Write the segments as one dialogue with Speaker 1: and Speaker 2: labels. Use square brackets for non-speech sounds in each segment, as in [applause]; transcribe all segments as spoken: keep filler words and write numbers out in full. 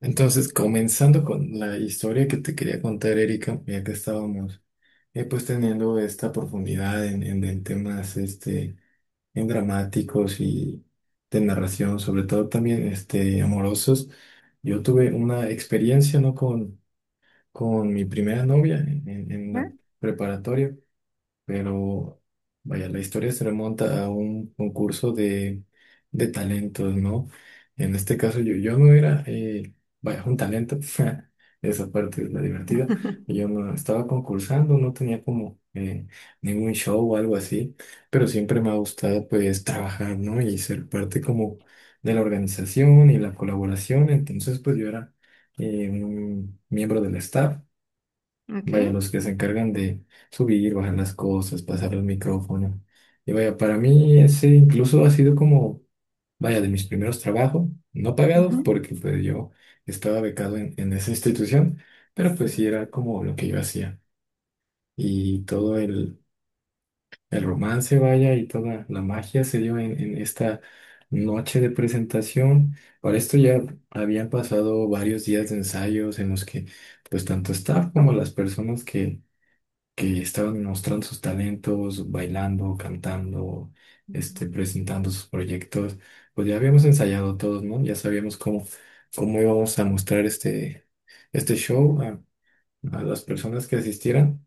Speaker 1: Entonces, comenzando con la historia que te quería contar, Erika, ya que estábamos eh, pues teniendo esta profundidad en, en- en temas este, en dramáticos y de narración, sobre todo también este, amorosos, yo tuve una experiencia, ¿no? con, con mi primera novia en, en- en la
Speaker 2: Ajá.
Speaker 1: preparatoria. Pero vaya, la historia se remonta a un concurso de, de talentos, ¿no? En este caso yo, yo no era, eh, vaya, un talento. [laughs] Esa parte es la divertida.
Speaker 2: [laughs]
Speaker 1: Yo no estaba concursando, no tenía como eh, ningún show o algo así, pero siempre me ha gustado pues trabajar, ¿no? Y ser parte como de la organización y la colaboración. Entonces pues yo era eh, un miembro del staff.
Speaker 2: Ok.
Speaker 1: Vaya, los que se encargan de subir, bajar las cosas, pasar los micrófonos. Y vaya, para mí ese incluso ha sido como, vaya, de mis primeros trabajos, no pagados,
Speaker 2: Ajá.
Speaker 1: porque pues yo estaba becado en, en esa institución, pero pues sí era como lo que yo hacía. Y todo el, el romance, vaya, y toda la magia se dio en, en esta noche de presentación. Para esto ya habían pasado varios días de ensayos en los que pues tanto staff como las personas que que estaban mostrando sus talentos, bailando, cantando,
Speaker 2: Ujú.
Speaker 1: este, presentando sus proyectos. Pues ya habíamos ensayado todos, ¿no? Ya sabíamos cómo, cómo íbamos a mostrar este, este show a, a las personas que asistieran.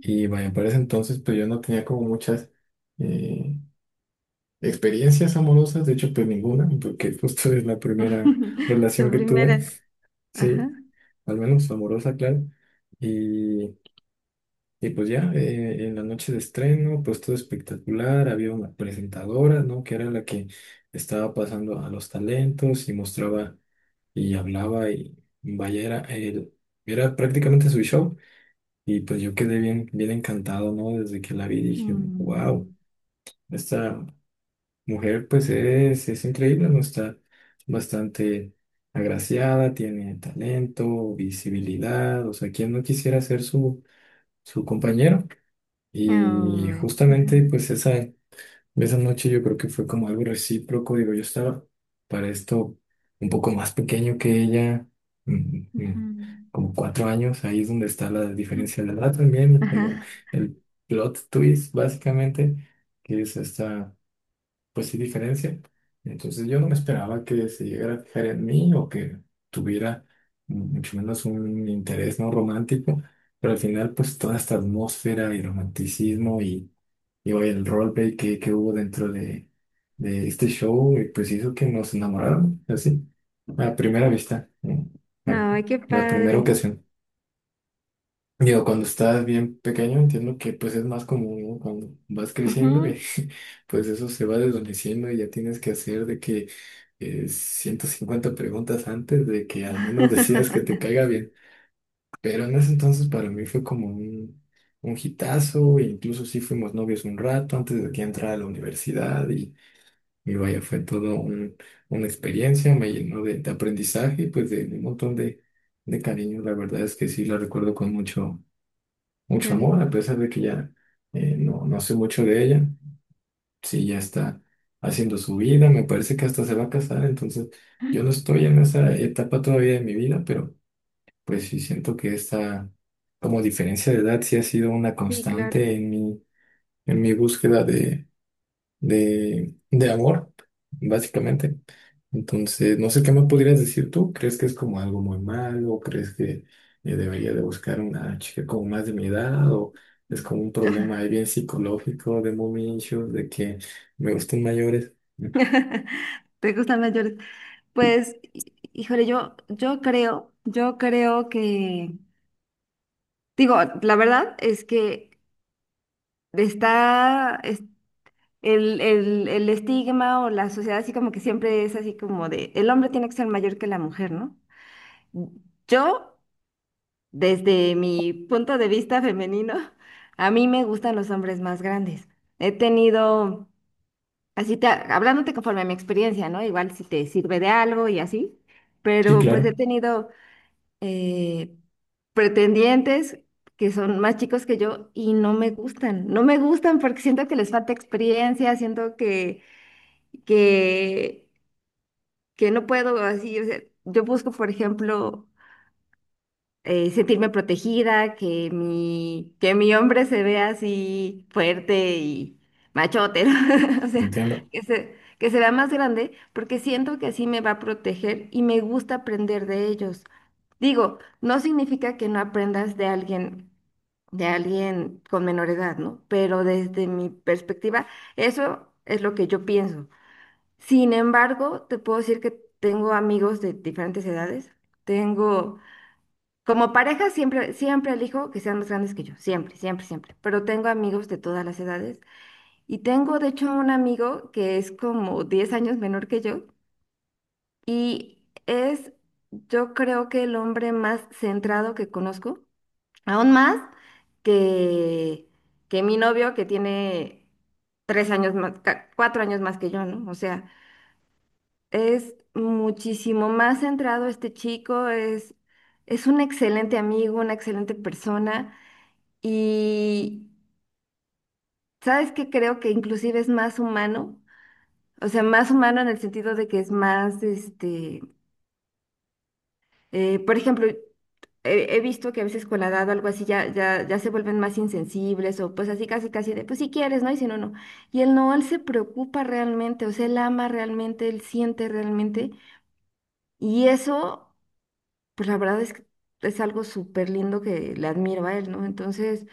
Speaker 1: Y vaya, para ese entonces, pues yo no tenía como muchas eh, experiencias amorosas. De hecho, pues ninguna, porque [laughs] justo es la primera
Speaker 2: [laughs]
Speaker 1: relación
Speaker 2: Tu
Speaker 1: que tuve,
Speaker 2: primera. Ajá.
Speaker 1: sí, al menos amorosa, claro. Y, y pues ya, eh, en la noche de estreno, pues todo espectacular. Había una presentadora, ¿no? Que era la que estaba pasando a los talentos y mostraba y hablaba y vaya, era, el- era prácticamente su show. Y pues yo quedé bien, bien encantado, ¿no? Desde que la vi dije,
Speaker 2: Mm.
Speaker 1: wow, esta mujer pues es, es increíble, ¿no? Está bastante agraciada, tiene talento, visibilidad, o sea, ¿quién no quisiera ser su, su compañero? Y
Speaker 2: Ay.
Speaker 1: justamente
Speaker 2: Ajá.
Speaker 1: pues esa, esa noche yo creo que fue como algo recíproco. Digo, yo estaba para esto un poco más pequeño que ella, mm,
Speaker 2: Ajá.
Speaker 1: mm, como cuatro años. Ahí es donde está la diferencia de edad también, como
Speaker 2: Ajá.
Speaker 1: el plot twist básicamente, que es esta, pues sí, diferencia. Entonces yo no me esperaba que se llegara a fijar en mí o que tuviera, mm, mucho menos un interés no romántico. Pero al final, pues toda esta atmósfera y romanticismo y y vaya, el roleplay que, que hubo dentro de, de este show, eh, pues hizo que nos enamoráramos, así, a primera vista, ¿no? la,
Speaker 2: Ay, qué
Speaker 1: la primera
Speaker 2: padre.
Speaker 1: ocasión. Digo, cuando estás bien pequeño, entiendo que pues es más común, ¿no? Cuando vas
Speaker 2: Ajá.
Speaker 1: creciendo, eh, [laughs] pues eso se va desvaneciendo y ya tienes que hacer de que eh, ciento cincuenta preguntas antes de que al menos [laughs] decidas que te caiga
Speaker 2: [laughs]
Speaker 1: bien. Pero en ese entonces para mí fue como un, un hitazo, e incluso sí fuimos novios un rato antes de que entrara a la universidad y, y vaya, fue todo un- una experiencia. Me llenó de, de aprendizaje y pues de, de un montón de, de cariño. La verdad es que sí la recuerdo con mucho, mucho amor, a
Speaker 2: Cariño.
Speaker 1: pesar de que ya eh, no, no sé mucho de ella. Sí, ya está haciendo su vida, me parece que hasta se va a casar. Entonces yo no estoy en esa etapa todavía de mi vida, pero… Pues sí, siento que esta como diferencia de edad sí ha sido una
Speaker 2: Sí, claro.
Speaker 1: constante en mi, en mi búsqueda de, de, de amor, básicamente. Entonces, no sé qué me podrías decir tú. ¿Crees que es como algo muy malo? ¿Crees que eh, debería de buscar una chica como más de mi edad? ¿O es como un problema ahí
Speaker 2: Ah,
Speaker 1: bien psicológico de mommy issues, de que me gustan mayores? Mm,
Speaker 2: ¿te gustan las llores? Pues, hí- híjole, yo, yo creo, yo creo que, digo, la verdad es que está, el, el, el estigma o la sociedad así como que siempre es así como de, el hombre tiene que ser mayor que la mujer, ¿no? Yo, desde mi punto de vista femenino, [laughs] a mí me gustan los hombres más grandes. He tenido, así te, hablándote conforme a mi experiencia, ¿no? Igual si te sirve de algo y así,
Speaker 1: Sí,
Speaker 2: pero pues he
Speaker 1: claro,
Speaker 2: tenido eh, pretendientes que son más chicos que yo y no me gustan. No me gustan porque siento que les falta experiencia, siento que que, que no puedo así, o sea, yo busco, por ejemplo, eh, sentirme protegida, que mi, que mi hombre se vea así fuerte y machote, ¿no? [laughs] O sea,
Speaker 1: entiendo.
Speaker 2: que se, que se vea más grande, porque siento que así me va a proteger y me gusta aprender de ellos. Digo, no significa que no aprendas de alguien, de alguien con menor edad, ¿no? Pero desde mi perspectiva, eso es lo que yo pienso. Sin embargo, te puedo decir que tengo amigos de diferentes edades. Tengo, como pareja, siempre, siempre elijo que sean más grandes que yo, siempre, siempre, siempre. Pero tengo amigos de todas las edades. Y tengo, de hecho, un amigo que es como diez años menor que yo y es, yo creo que el hombre más centrado que conozco, aún más que, que mi novio que tiene tres años más, ca- cuatro años más que yo, ¿no? O sea... Es muchísimo más centrado este chico, es, es un excelente amigo, una excelente persona y sabes que creo que inclusive es más humano, o sea, más humano en el sentido de que es más, este, eh, por ejemplo, he, he visto que a veces con la edad o algo así ya, ya, ya se vuelven más insensibles o pues así casi casi de, pues si quieres, ¿no? Y si no, no. Y él no, él se preocupa realmente, o sea, él ama realmente, él siente realmente y eso... pues la verdad es que es algo súper lindo que le admiro a él, ¿no? Entonces,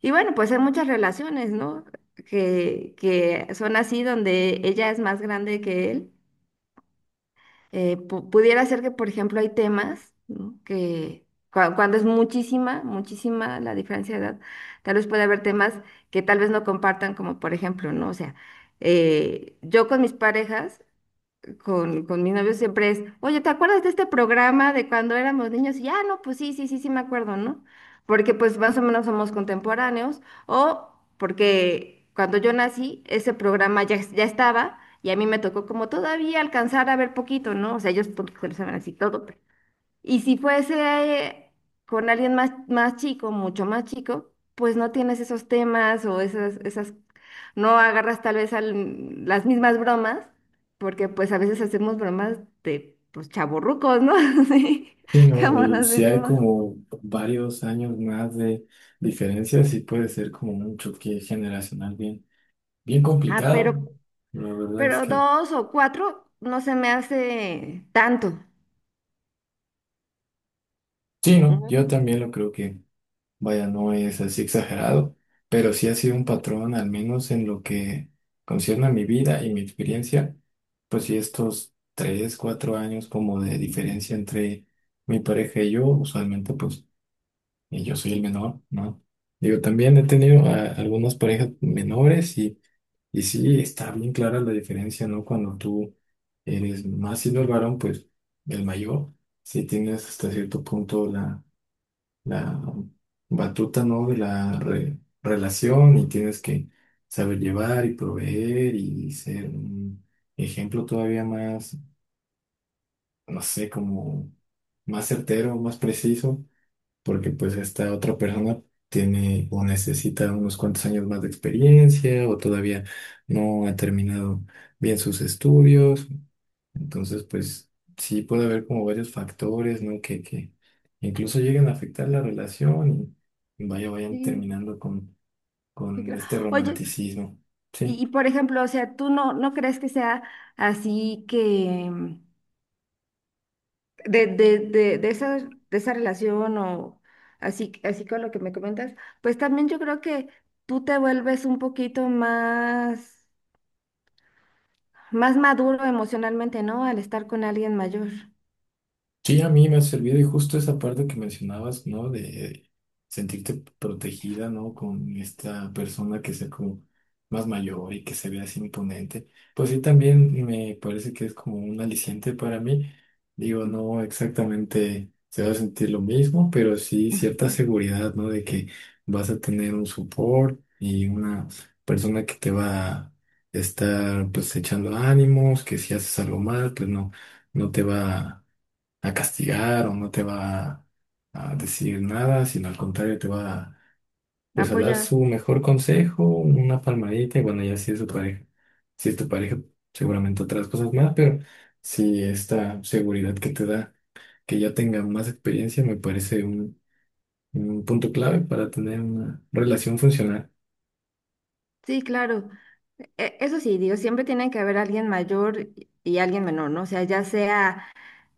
Speaker 2: y bueno, pues hay muchas relaciones, ¿no? Que, que son así donde ella es más grande que él. Eh, pu- pudiera ser que, por ejemplo, hay temas, ¿no? Que cua- cuando es muchísima, muchísima la diferencia de edad, tal vez puede haber temas que tal vez no compartan, como por ejemplo, ¿no? O sea, eh, yo con mis parejas con, con mi novio siempre es, oye, ¿te acuerdas de este programa de cuando éramos niños? Y ya, no, pues sí, sí, sí, sí me acuerdo, ¿no? Porque pues más o menos somos contemporáneos, o porque cuando yo nací, ese programa ya, es- ya estaba, y a mí me tocó como todavía alcanzar a ver poquito, ¿no? O sea, ellos pues, lo saben así todo, y si fuese con alguien más, más chico, mucho más chico, pues no tienes esos temas o esas, esas, no agarras tal vez al- las mismas bromas, porque pues a veces hacemos bromas de pues chavorrucos, ¿no? [laughs] Sí,
Speaker 1: Sí, ¿no?
Speaker 2: como
Speaker 1: Y
Speaker 2: nos
Speaker 1: si hay
Speaker 2: decimos.
Speaker 1: como varios años más de diferencia, sí puede ser como un choque generacional bien, bien
Speaker 2: Ah,
Speaker 1: complicado.
Speaker 2: pero,
Speaker 1: La verdad es
Speaker 2: pero
Speaker 1: que
Speaker 2: dos o cuatro no se me hace tanto.
Speaker 1: sí, ¿no?
Speaker 2: ¿No?
Speaker 1: Yo también lo creo que, vaya, no es así exagerado, pero sí ha sido un patrón, al menos en lo que concierne a mi vida y mi experiencia. Pues sí estos tres, cuatro años como de diferencia entre mi pareja y yo, usualmente pues y yo soy el menor, ¿no? Digo, también he tenido a- algunas parejas menores y, y sí, está bien clara la diferencia, ¿no? Cuando tú eres más siendo el varón, pues el mayor, sí tienes hasta cierto punto la, la batuta, ¿no? De la re- relación. Y tienes que saber llevar y proveer y ser un ejemplo todavía más, no sé, como más certero, más preciso, porque pues esta otra persona tiene o necesita unos cuantos años más de experiencia o todavía no ha terminado bien sus estudios. Entonces, pues sí puede haber como varios factores, ¿no? Que, que incluso lleguen a afectar la relación y vaya, vayan
Speaker 2: Sí,
Speaker 1: terminando con,
Speaker 2: sí
Speaker 1: con
Speaker 2: creo.
Speaker 1: este
Speaker 2: Oye,
Speaker 1: romanticismo.
Speaker 2: y,
Speaker 1: Sí.
Speaker 2: y por ejemplo, o sea, ¿tú no, no crees que sea así que de, de, de, de esa, de esa relación o así, así con lo que me comentas, pues también yo creo que tú te vuelves un poquito más, más maduro emocionalmente, ¿no? Al estar con alguien mayor.
Speaker 1: Sí, a mí me ha servido, y justo esa parte que mencionabas, ¿no? De sentirte protegida, ¿no? Con esta persona que sea como más mayor y que se vea así imponente. Pues sí, también me parece que es como un aliciente para mí. Digo, no exactamente se va a sentir lo mismo, pero sí cierta
Speaker 2: Mm.
Speaker 1: seguridad, ¿no? De que vas a tener un support y una persona que te va a estar pues echando ánimos, que si haces algo mal, pues no, no te va a a castigar o no te va a decir nada, sino al contrario, te va pues a dar
Speaker 2: Apoyar.
Speaker 1: su mejor consejo, una palmadita y bueno, ya si es tu pareja. Si es tu pareja, seguramente otras cosas más, pero si esta seguridad que te da, que ya tenga más experiencia, me parece un, un punto clave para tener una relación funcional.
Speaker 2: Sí, claro. E- Eso sí, digo, siempre tiene que haber alguien mayor y y alguien menor, ¿no? O sea, ya sea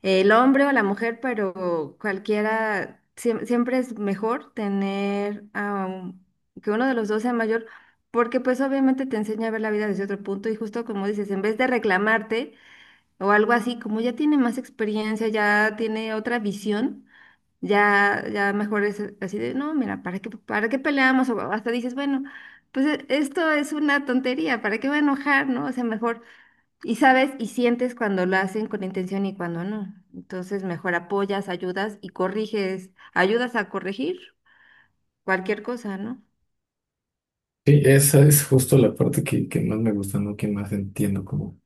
Speaker 2: el hombre o la mujer, pero cualquiera, siem- siempre es mejor tener a un- que uno de los dos sea mayor, porque pues obviamente te enseña a ver la vida desde otro punto y justo como dices, en vez de reclamarte o algo así, como ya tiene más experiencia, ya tiene otra visión, ya, ya mejor es así de, no, mira, ¿para qué, ¿para qué peleamos? O hasta dices, bueno, pues e- esto es una tontería, ¿para qué voy a enojar, no? O sea, mejor y sabes, y sientes cuando lo hacen con intención y cuando no. Entonces, mejor apoyas, ayudas y corriges, ayudas a corregir cualquier cosa, ¿no?
Speaker 1: Sí, esa es justo la parte que, que más me gusta, ¿no? Que más entiendo como,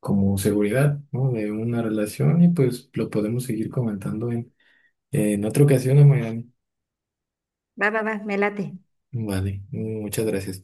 Speaker 1: como seguridad, ¿no? De una relación. Y pues lo podemos seguir comentando en otra ocasión, Amairani.
Speaker 2: Va, va, va, me late.
Speaker 1: Vale, muchas gracias.